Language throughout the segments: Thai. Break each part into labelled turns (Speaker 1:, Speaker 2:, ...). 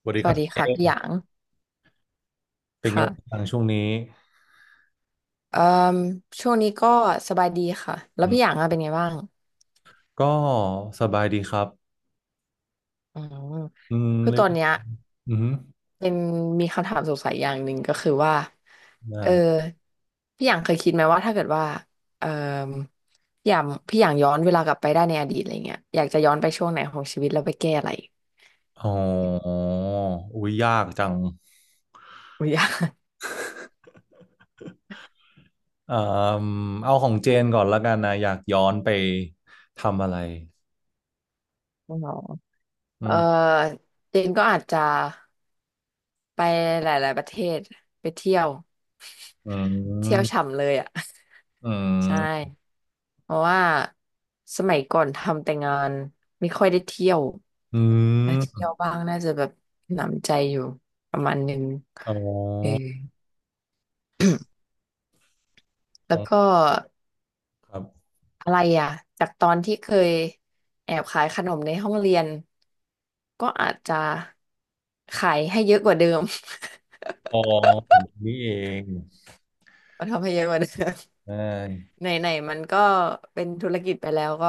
Speaker 1: สวัสดี
Speaker 2: ส
Speaker 1: ค
Speaker 2: วั
Speaker 1: รับ
Speaker 2: สดี
Speaker 1: เจ
Speaker 2: ค่ะ
Speaker 1: ม
Speaker 2: พี่
Speaker 1: ส์
Speaker 2: หยาง
Speaker 1: เป็นไงบ้า
Speaker 2: ค่ะ
Speaker 1: งช่วงนี้
Speaker 2: เอ่อช่วงนี้ก็สบายดีค่ะแล้ว
Speaker 1: อืม
Speaker 2: พี่หยางอะเป็นไงบ้าง
Speaker 1: ก็สบายดีครับ
Speaker 2: อืม
Speaker 1: อืม
Speaker 2: คือ
Speaker 1: เล
Speaker 2: ต
Speaker 1: ย
Speaker 2: อนเนี้ย
Speaker 1: อืม
Speaker 2: เป็นมีคำถามสงสัยอย่างหนึ่งก็คือว่า
Speaker 1: ได้
Speaker 2: เออพี่หยางเคยคิดไหมว่าถ้าเกิดว่าเอ่อพี่หยางย้อนเวลากลับไปได้ในอดีตอะไรเงี้ยอยากจะย้อนไปช่วงไหนของชีวิตแล้วไปแก้อะไร
Speaker 1: อ๋ออุ้ยยากจัง
Speaker 2: อุ้ยอยาก
Speaker 1: อ่าเอาของเจนก่อนละกันนะอยากย้อนไปทำอะไร
Speaker 2: อ๋อ
Speaker 1: อื
Speaker 2: เออ
Speaker 1: ม
Speaker 2: เจนก็อาจจะไปหลายๆประเทศไปเที่ยว
Speaker 1: อื
Speaker 2: เที่ยว
Speaker 1: ม
Speaker 2: ฉ่ำเลยอ่ะ
Speaker 1: อื
Speaker 2: ใช
Speaker 1: ม
Speaker 2: ่เพราะว่าสมัยก่อนทำแต่งานไม่ค่อยได้เที่ยว
Speaker 1: อื
Speaker 2: ถ้าเที่ยว
Speaker 1: ม
Speaker 2: บ้างน่าจะแบบหนำใจอยู่ประมาณหนึ่ง
Speaker 1: อ๋อ
Speaker 2: เออแล้
Speaker 1: ข
Speaker 2: ว
Speaker 1: อ
Speaker 2: ก็
Speaker 1: งครับ
Speaker 2: อะไรอ่ะจากตอนที่เคยแอบขายขนมในห้องเรียนก็อาจจะขายให้เยอะกว่าเดิม
Speaker 1: อ๋อนี่เอง
Speaker 2: ทำให้เยอะกว่าเดิม
Speaker 1: ใช่
Speaker 2: ไหนไหนมันก็เป็นธุรกิจไปแล้วก็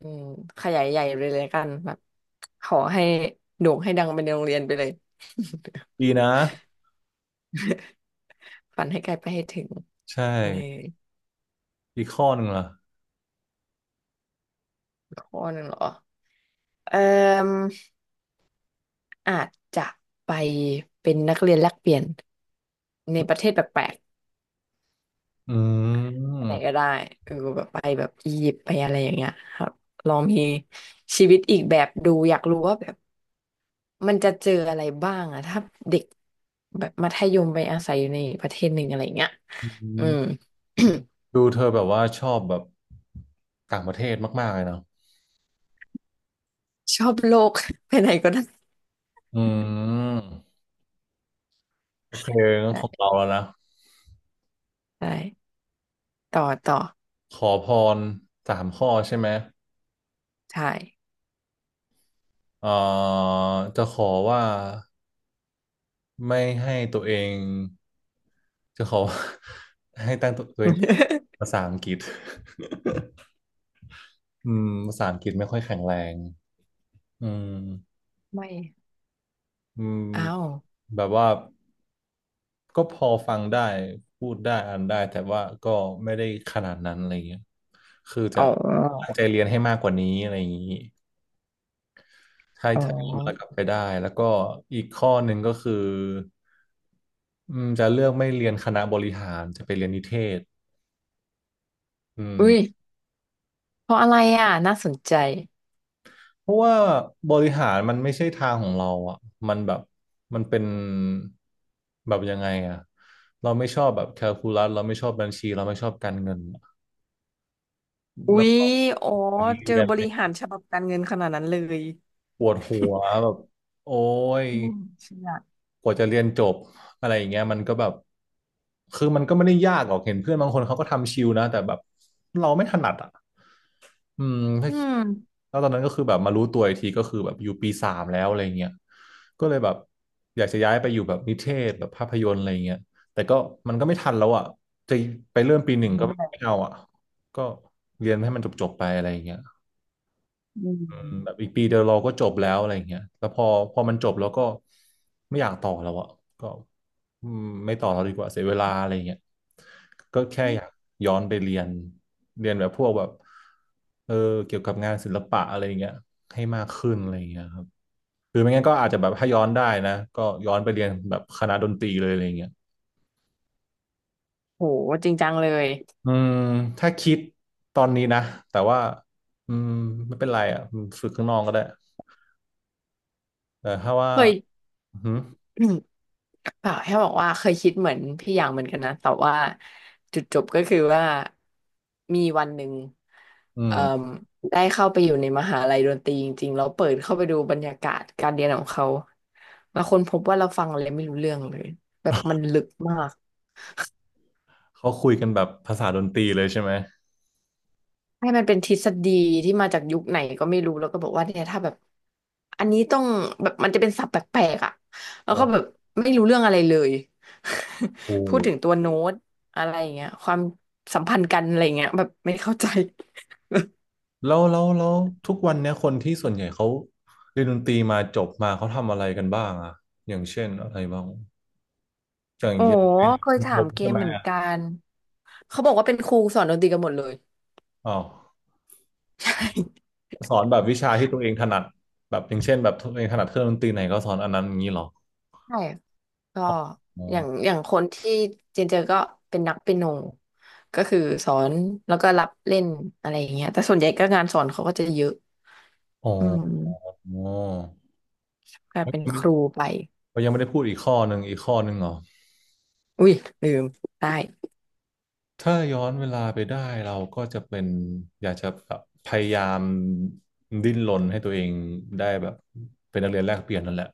Speaker 2: อืมขยายใหญ่ไปเลยละกันแบบขอให้โด่งให้ดังไปในโรงเรียนไปเลย
Speaker 1: ดีนะ
Speaker 2: ฝันให้ไกลไปให้ถึง
Speaker 1: ใช่
Speaker 2: เออ
Speaker 1: อีกข้อหนึ่งล่ะ
Speaker 2: ข้อหนึ่งเหรอเอ่ออาจจะไปเป็นนักเรียนแลกเปลี่ยนในประเทศแปลก
Speaker 1: อื
Speaker 2: ๆไหนก็
Speaker 1: ม
Speaker 2: ได้เออแบบไปแบบอียิปต์ไปอะไรอย่างเงี้ยครับลองมีชีวิตอีกแบบดูอยากรู้ว่าแบบมันจะเจออะไรบ้างอะถ้าเด็ก แบบมัธยมไปอาศัยอยู่ในประเทศหนึ่งอะไรเงี้ย
Speaker 1: อื
Speaker 2: อืม
Speaker 1: ม ดูเธอแบบว่าชอบแบบต่างประเทศมากๆเลยเนาะ
Speaker 2: ชอบโลก ไปไหนก็ได้
Speaker 1: อืมโอเคงั้นของ
Speaker 2: ใช่
Speaker 1: เราแล้วนะ
Speaker 2: ใช่ต่อต่อ
Speaker 1: ขอพรสามข้อใช่ไหม
Speaker 2: ใช่
Speaker 1: เอ่อจะขอว่าไม่ให้ตัวเองจะขอว่า ให้ตั้งตัวเอง ภาษาอังกฤษ อืมภาษาอังกฤษไม่ค่อยแข็งแรงอืม
Speaker 2: ไม่
Speaker 1: อืม
Speaker 2: อ้าว
Speaker 1: แบบว่า ก็พอฟังได้พูดได้อ่านได้แต่ว่าก็ไม่ได้ขนาดนั้นอะไรเงี้ยคือจะ
Speaker 2: อ๋
Speaker 1: ตั้
Speaker 2: อ
Speaker 1: งใจเรียนให้มากกว่านี้อะไรอย่างนี้ถ้า
Speaker 2: อ๋อ
Speaker 1: ถ้าย้อนเวลากลับไปได้แล้วก็อีกข้อหนึ่งก็คืออืมจะเลือกไม่เรียนคณะบริหารจะไปเรียนนิเทศอืม
Speaker 2: อุ้ยเพราะอะไรอ่ะน่าสนใจ
Speaker 1: เพราะว่าบริหารมันไม่ใช่ทางของเราอ่ะมันแบบมันเป็นแบบยังไงอ่ะเราไม่ชอบแบบแคลคูลัสเราไม่ชอบบัญชีเราไม่ชอบการเงินอะ
Speaker 2: อุ้
Speaker 1: แล้ว
Speaker 2: ย
Speaker 1: ก็
Speaker 2: อ๋อเจ
Speaker 1: เรี
Speaker 2: อ
Speaker 1: ยน
Speaker 2: บริหารฉบับการเงินขนาดนั้นเลย
Speaker 1: ปวดหัวแบบโอ้ย
Speaker 2: อืมเชื่อ
Speaker 1: กว่าจะเรียนจบอะไรอย่างเงี้ยมันก็แบบคือมันก็ไม่ได้ยากหรอกเห็นเพื่อนบางคนเขาก็ทำชิลนะแต่แบบเราไม่ถนัดอ่ะอืมถ้า
Speaker 2: อืม
Speaker 1: แล้วตอนนั้นก็คือแบบมารู้ตัวอีกทีก็คือแบบอยู่ปีสามแล้วอะไรเงี้ยก็เลยแบบอยากจะย้ายไปอยู่แบบนิเทศแบบภาพยนตร์อะไรเงี้ยแต่ก็มันก็ไม่ทันแล้วอ่ะจะไปเริ่มปีหนึ่งก็ไม่เอาอ่ะก็เรียนให้มันจบๆไปอะไรเงี้ย
Speaker 2: อืม
Speaker 1: แบบอีกปีเดียวเราก็จบแล้วอะไรอย่างเงี้ยแล้วพอพอมันจบแล้วก็ไม่อยากต่อแล้วอะก็อืมไม่ต่อแล้วดีกว่าเสียเวลาอะไรอย่างเงี้ยก็แค่อยากย้อนไปเรียนเรียนแบบพวกแบบเออเกี่ยวกับงานศิลปะอะไรอย่างเงี้ยให้มากขึ้นอะไรอย่างเงี้ยครับหรือไม่งั้นก็อาจจะแบบถ้าย้อนได้นะก็ย้อนไปเรียนแบบคณะดนตรีเลยอะไรอย่างเงี้ย
Speaker 2: โหจริงจังเลย
Speaker 1: อืมถ้าคิดตอนนี้นะแต่ว่าอืมไม่เป็นไรอ่ะฝึกข้างนอกก็ได้แต่ถ้าว่า
Speaker 2: เคย
Speaker 1: อือหือ
Speaker 2: เปล่าแค่บอกว่าเคยคิดเหมือนพี่อย่างเหมือนกันนะ แต่ว่าจุดจบก็คือว่ามีวันหนึ่ง
Speaker 1: อื
Speaker 2: เอ่อ
Speaker 1: ม
Speaker 2: ได้เข้าไปอยู่ในมหาลัยดนตรีจริงๆแล้วเปิดเข้าไปดูบรรยากาศการเรียนของเขาแล้วคนพบว่าเราฟังอะไรไม่รู้เรื่องเลยแบบมันลึกมาก
Speaker 1: เขาคุยกันแบบภาษาดนตรีเลยใช่ไหม
Speaker 2: ให้มันเป็นทฤษฎีที่มาจากยุคไหนก็ไม่รู้แล้วก็บอกว่าเนี่ยถ้าแบบอันนี้ต้องแบบมันจะเป็นศัพท์แปลกๆอ่ะแล้ว
Speaker 1: โอ้
Speaker 2: ก็แบบไม่รู้เรื่องอะไรเลย
Speaker 1: โห
Speaker 2: พูดถึงตัวโน้ตอะไรอย่างเงี้ยความสัมพันธ์กันอะไรอย่างเงี้ยแบบไม่เข้าใจ
Speaker 1: แล้วทุกวันเนี้ยคนที่ส่วนใหญ่เขาเรียนดนตรีมาจบมาเขาทำอะไรกันบ้างอะอย่างเช่นอะไรบ้าง
Speaker 2: โอ้เคยถา
Speaker 1: ผ
Speaker 2: ม
Speaker 1: ม
Speaker 2: เก
Speaker 1: ใช่
Speaker 2: ม
Speaker 1: ไหม
Speaker 2: เหมือน
Speaker 1: อะ
Speaker 2: กันเขาบอกว่าเป็นครูสอนดนตรีกันหมดเลย
Speaker 1: อ๋อ
Speaker 2: ใช่
Speaker 1: สอนแบบวิชาที่ตัวเองถนัดแบบอย่างเช่นแบบตัวเองถนัดเครื่องดนตรีไหนก็สอนอันนั้นอย่างนี้เหรอ
Speaker 2: ใช่ ก็
Speaker 1: อ๋อ
Speaker 2: อย่างอย่างคนที่เจนเจอก็เป็นนักเปียโนก็คือสอนแล้วก็รับเล่นอะไรอย่างเงี้ยแต่ส่วนใหญ่ก็งานสอนเขาก็จะเยอะ
Speaker 1: อ๋อ
Speaker 2: อืม
Speaker 1: อ๋อ
Speaker 2: กลาย
Speaker 1: เขายัง
Speaker 2: เป็นค
Speaker 1: ไม่
Speaker 2: รูไป
Speaker 1: เขายังไม่ได้พูดอีกข้อหนึ่งอีกข้อหนึ่งเหรอ
Speaker 2: อุ้ยลืมได้
Speaker 1: ถ้าย้อนเวลาไปได้เราก็จะเป็นอยากจะแบบพยายามดิ้นรนให้ตัวเองได้แบบเป็นนักเรียนแลกเปลี่ยนนั่นแหละ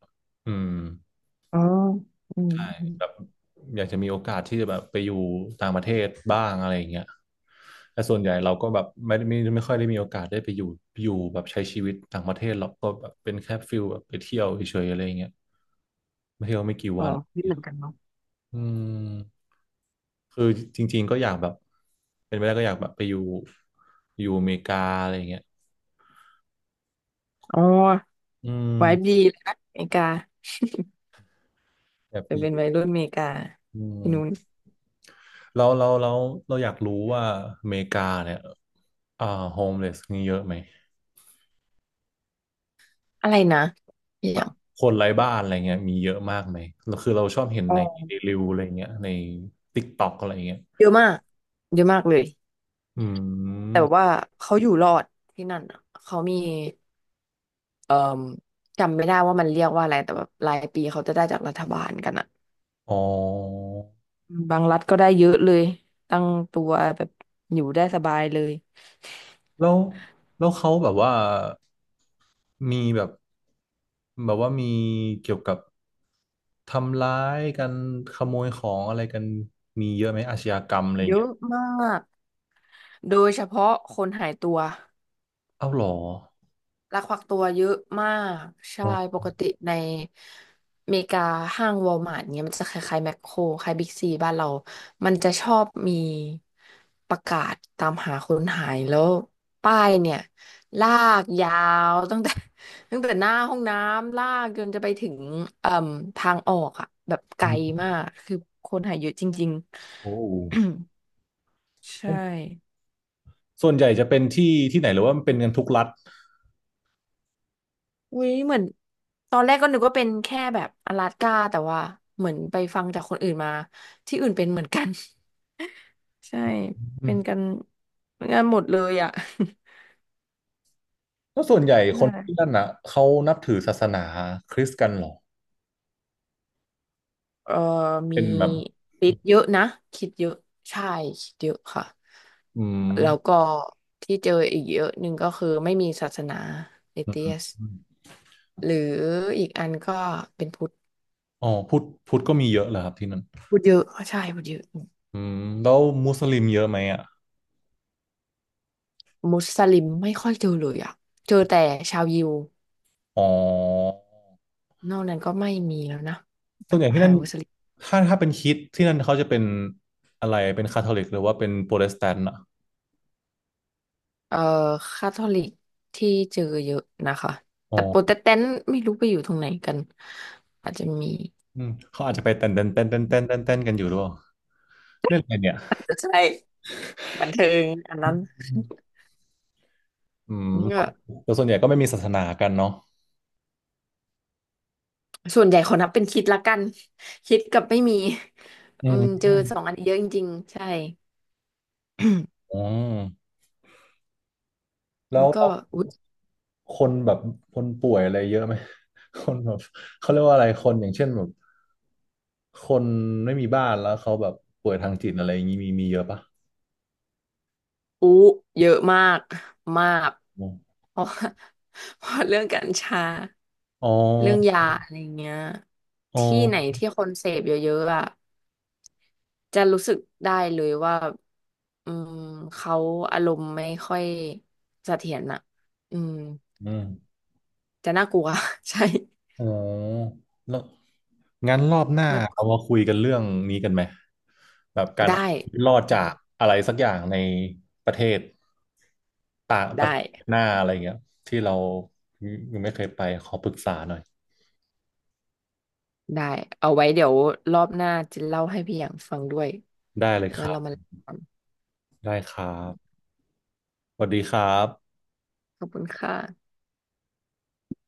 Speaker 1: อืม
Speaker 2: อ๋ออืม
Speaker 1: ใช่
Speaker 2: อม
Speaker 1: แบบอยากจะมีโอกาสที่จะแบบไปอยู่ต่างประเทศบ้างอะไรอย่างเงี้ยแต่ส่วนใหญ่เราก็แบบไม่ค่อยได้มีโอกาสได้ไปอยู่อยู่แบบใช้ชีวิตต่างประเทศเราก็แบบเป็นแค่ฟิลแบบไปเที่ยวเฉยๆอะไรอย่างเงี้ยไปเที่ยวไม่กี่
Speaker 2: อ๋อ
Speaker 1: วันอะไรอย่าง
Speaker 2: ไม่เห
Speaker 1: เงี้
Speaker 2: มื
Speaker 1: ย
Speaker 2: อนกันเนาะ
Speaker 1: อืม คือจริงๆก็อยากแบบเป็นไปได้ก็อยากแบบไปอยู่อยู่อเมริกาอะไรอย่างเงี้ย
Speaker 2: อ๋อ
Speaker 1: อื
Speaker 2: ไว้ดี
Speaker 1: ม
Speaker 2: เลยนะอเมริกา
Speaker 1: อยากไป
Speaker 2: แต่เป็
Speaker 1: อ
Speaker 2: น
Speaker 1: ยู่
Speaker 2: วัยรุ่นอเมริกา
Speaker 1: อื
Speaker 2: ที่นู้น
Speaker 1: มเราเราอยากรู้ว่าอเมริกาเนี่ยอ่าโฮมเลสมีเยอะไหม
Speaker 2: อะไรนะอย่าง
Speaker 1: คนไร้บ้านอะไรเงี้ยมีเยอะมากไหมแล้วคือเราชอบเห็น
Speaker 2: อ๋อ
Speaker 1: ในรีวิวอะไรเงี้ยในติ๊กต็อกอะไรเงี้ย
Speaker 2: เยอะมากเยอะมากเลย
Speaker 1: อื
Speaker 2: แต่
Speaker 1: ม
Speaker 2: ว่าเขาอยู่รอดที่นั่นอะเขามี เอ่อจำไม่ได้ว่ามันเรียกว่าอะไรแต่แบบรายปีเขาจะได้จากรัฐบาลกันอะ
Speaker 1: อ๋อ
Speaker 2: บางรัฐก็ได้เยอะเลยตั้งตัวแบบอยู่ได้สบายเลย
Speaker 1: แล้วแล้วเขาแบบว่ามีแบบแบบว่ามีเกี่ยวกับทำร้ายกันขโมยของอะไรกันมีเยอะไหมอาชญากรรมอะไรอ
Speaker 2: เย
Speaker 1: ย่างเงี้
Speaker 2: อะ
Speaker 1: ย
Speaker 2: มากโดยเฉพาะคนหายตัว
Speaker 1: เอ้าเหรอ
Speaker 2: ลักพาตัวเยอะมากใช่
Speaker 1: อ๋
Speaker 2: ป
Speaker 1: อ
Speaker 2: กติในอเมริกาห้างวอลมาร์ทเนี้ยมันจะคล้ายๆแมคโครคล้ายบิ๊กซีบ้านเรามันจะชอบมีประกาศตามหาคนหายแล้วป้ายเนี่ยลากยาวตั้งแต่ ตั้งแต่หน้าห้องน้ำลากจนจะไปถึงเอ่มทางออกอะแบบไกลมากคือคนหายเยอะจริง
Speaker 1: โอ้
Speaker 2: ๆ
Speaker 1: โห
Speaker 2: ใช่
Speaker 1: ส่วนใหญ่จะเป็นที่ที่ไหนหรือว่ามันเป็นกันทุกรัฐ
Speaker 2: อุ้ยเหมือนตอนแรกก็นึกว่าเป็นแค่แบบอลาสก้าแต่ว่าเหมือนไปฟังจากคนอื่นมาที่อื่นเป็นเหมือนกัน ใช่
Speaker 1: อื
Speaker 2: เป็นกั
Speaker 1: ม
Speaker 2: นเป็นกันหมดเลยอ่ะ
Speaker 1: แล้วส่วนใหญ่
Speaker 2: ใช
Speaker 1: คนที่
Speaker 2: ่
Speaker 1: นั่นอ่ะเขานับถือศาสนาคริสต์กันเหรอ
Speaker 2: เออมี
Speaker 1: เป็นแบบ
Speaker 2: คิดเยอะนะคิดเยอะใช่คิดเยอะค่ะ
Speaker 1: อืม
Speaker 2: แล้วก็ที่เจออีกเยอะหนึ่งก็คือไม่มีศาสนาเอ
Speaker 1: อ
Speaker 2: เทียส
Speaker 1: ม
Speaker 2: หรืออีกอันก็เป็นพุทธ
Speaker 1: อ๋อพุทธพุทธก็มีเยอะเหรอครับที่นั่น
Speaker 2: พุทธเยอะใช่พุทธเยอะ
Speaker 1: อืมแล้วมุสลิมเยอะไหมอ่ะ
Speaker 2: มุสลิมไม่ค่อยเจอเลยอ่ะเจอแต่ชาวยิว
Speaker 1: อ๋อ
Speaker 2: นอกนั้นก็ไม่มีแล้วนะแบ
Speaker 1: ส่วน
Speaker 2: บ
Speaker 1: ใหญ่ที่
Speaker 2: หา
Speaker 1: นั่น
Speaker 2: มุสลิม
Speaker 1: ถ้าเป็นคริสต์ที่นั่นเขาจะเป็นอะไรเป็นคาทอลิกหรือว่าเป็นโปรเตสแตนต์อ่ะ
Speaker 2: เอ่อคาทอลิกที่เจอเยอะนะคะ
Speaker 1: อ๋อ
Speaker 2: แต่โปรเตสแตนต์ไม่รู้ไปอยู่ตรงไหนกันอาจจะมี
Speaker 1: อืมเขาอาจจะไปเต้นเต้นเต้นเต้นเต้นเต้นเต้นกันอยู่ด้วยเล่นอะไรเนี่ย
Speaker 2: ใช่บันเทิงอันนั้น
Speaker 1: อืม
Speaker 2: ก็
Speaker 1: แต่ส่วนใหญ่ก็ไม่มีศาสนากันเนาะ
Speaker 2: ส่วนใหญ่ขอนับเป็นคิดละกันคิดกับไม่มี
Speaker 1: อื
Speaker 2: อืม
Speaker 1: ม
Speaker 2: เจอสองอันนี้เยอะจริงๆใช่
Speaker 1: อื มแล้
Speaker 2: มั
Speaker 1: ว
Speaker 2: นก็
Speaker 1: แล้ว
Speaker 2: อุ๊ย
Speaker 1: คนแบบคนป่วยอะไรเยอะไหม คนแบบเขาเรียกว่าอะไรคนอย่างเช่นแบบคนไม่มีบ้านแล้วเขาแบบป่วยทางจิตอะไรอย่างนี้มีเยอะปะ
Speaker 2: อู้เยอะมากมาก
Speaker 1: อม
Speaker 2: เพราะ ว่าเพราะเรื่องกัญชา
Speaker 1: อ๋อ
Speaker 2: เรื่องยาอะไรเงี้ย
Speaker 1: อ๋อ
Speaker 2: ที่ไหนที่คนเสพเยอะๆอ่ะจะรู้สึกได้เลยว่าอืมเขาอารมณ์ไม่ค่อยเสถียรอ่ะอืม
Speaker 1: อืม
Speaker 2: จะน่ากลัว ใช่
Speaker 1: อ๋อแล้วงั้นรอบหน้า
Speaker 2: แบ
Speaker 1: เอา
Speaker 2: บ
Speaker 1: มาคุยกันเรื่องนี้กันไหมแบบการ
Speaker 2: ได้
Speaker 1: เอาชีวิตรอด
Speaker 2: อื
Speaker 1: จา
Speaker 2: ม
Speaker 1: กอะไรสักอย่างในประเทศต่างป
Speaker 2: ได้
Speaker 1: ระเทศหน้าอะไรเงี้ยที่เรายังไม่เคยไปขอปรึกษาหน่อย
Speaker 2: ได้เอาไว้เดี๋ยวรอบหน้าจะเล่าให้พี่อย่างฟังด้วย
Speaker 1: ได้เลยค
Speaker 2: ว่า
Speaker 1: รั
Speaker 2: เรามา
Speaker 1: บ
Speaker 2: เล่ากัน
Speaker 1: ได้ครับสวัสดีครับ
Speaker 2: ขอบคุณค่ะ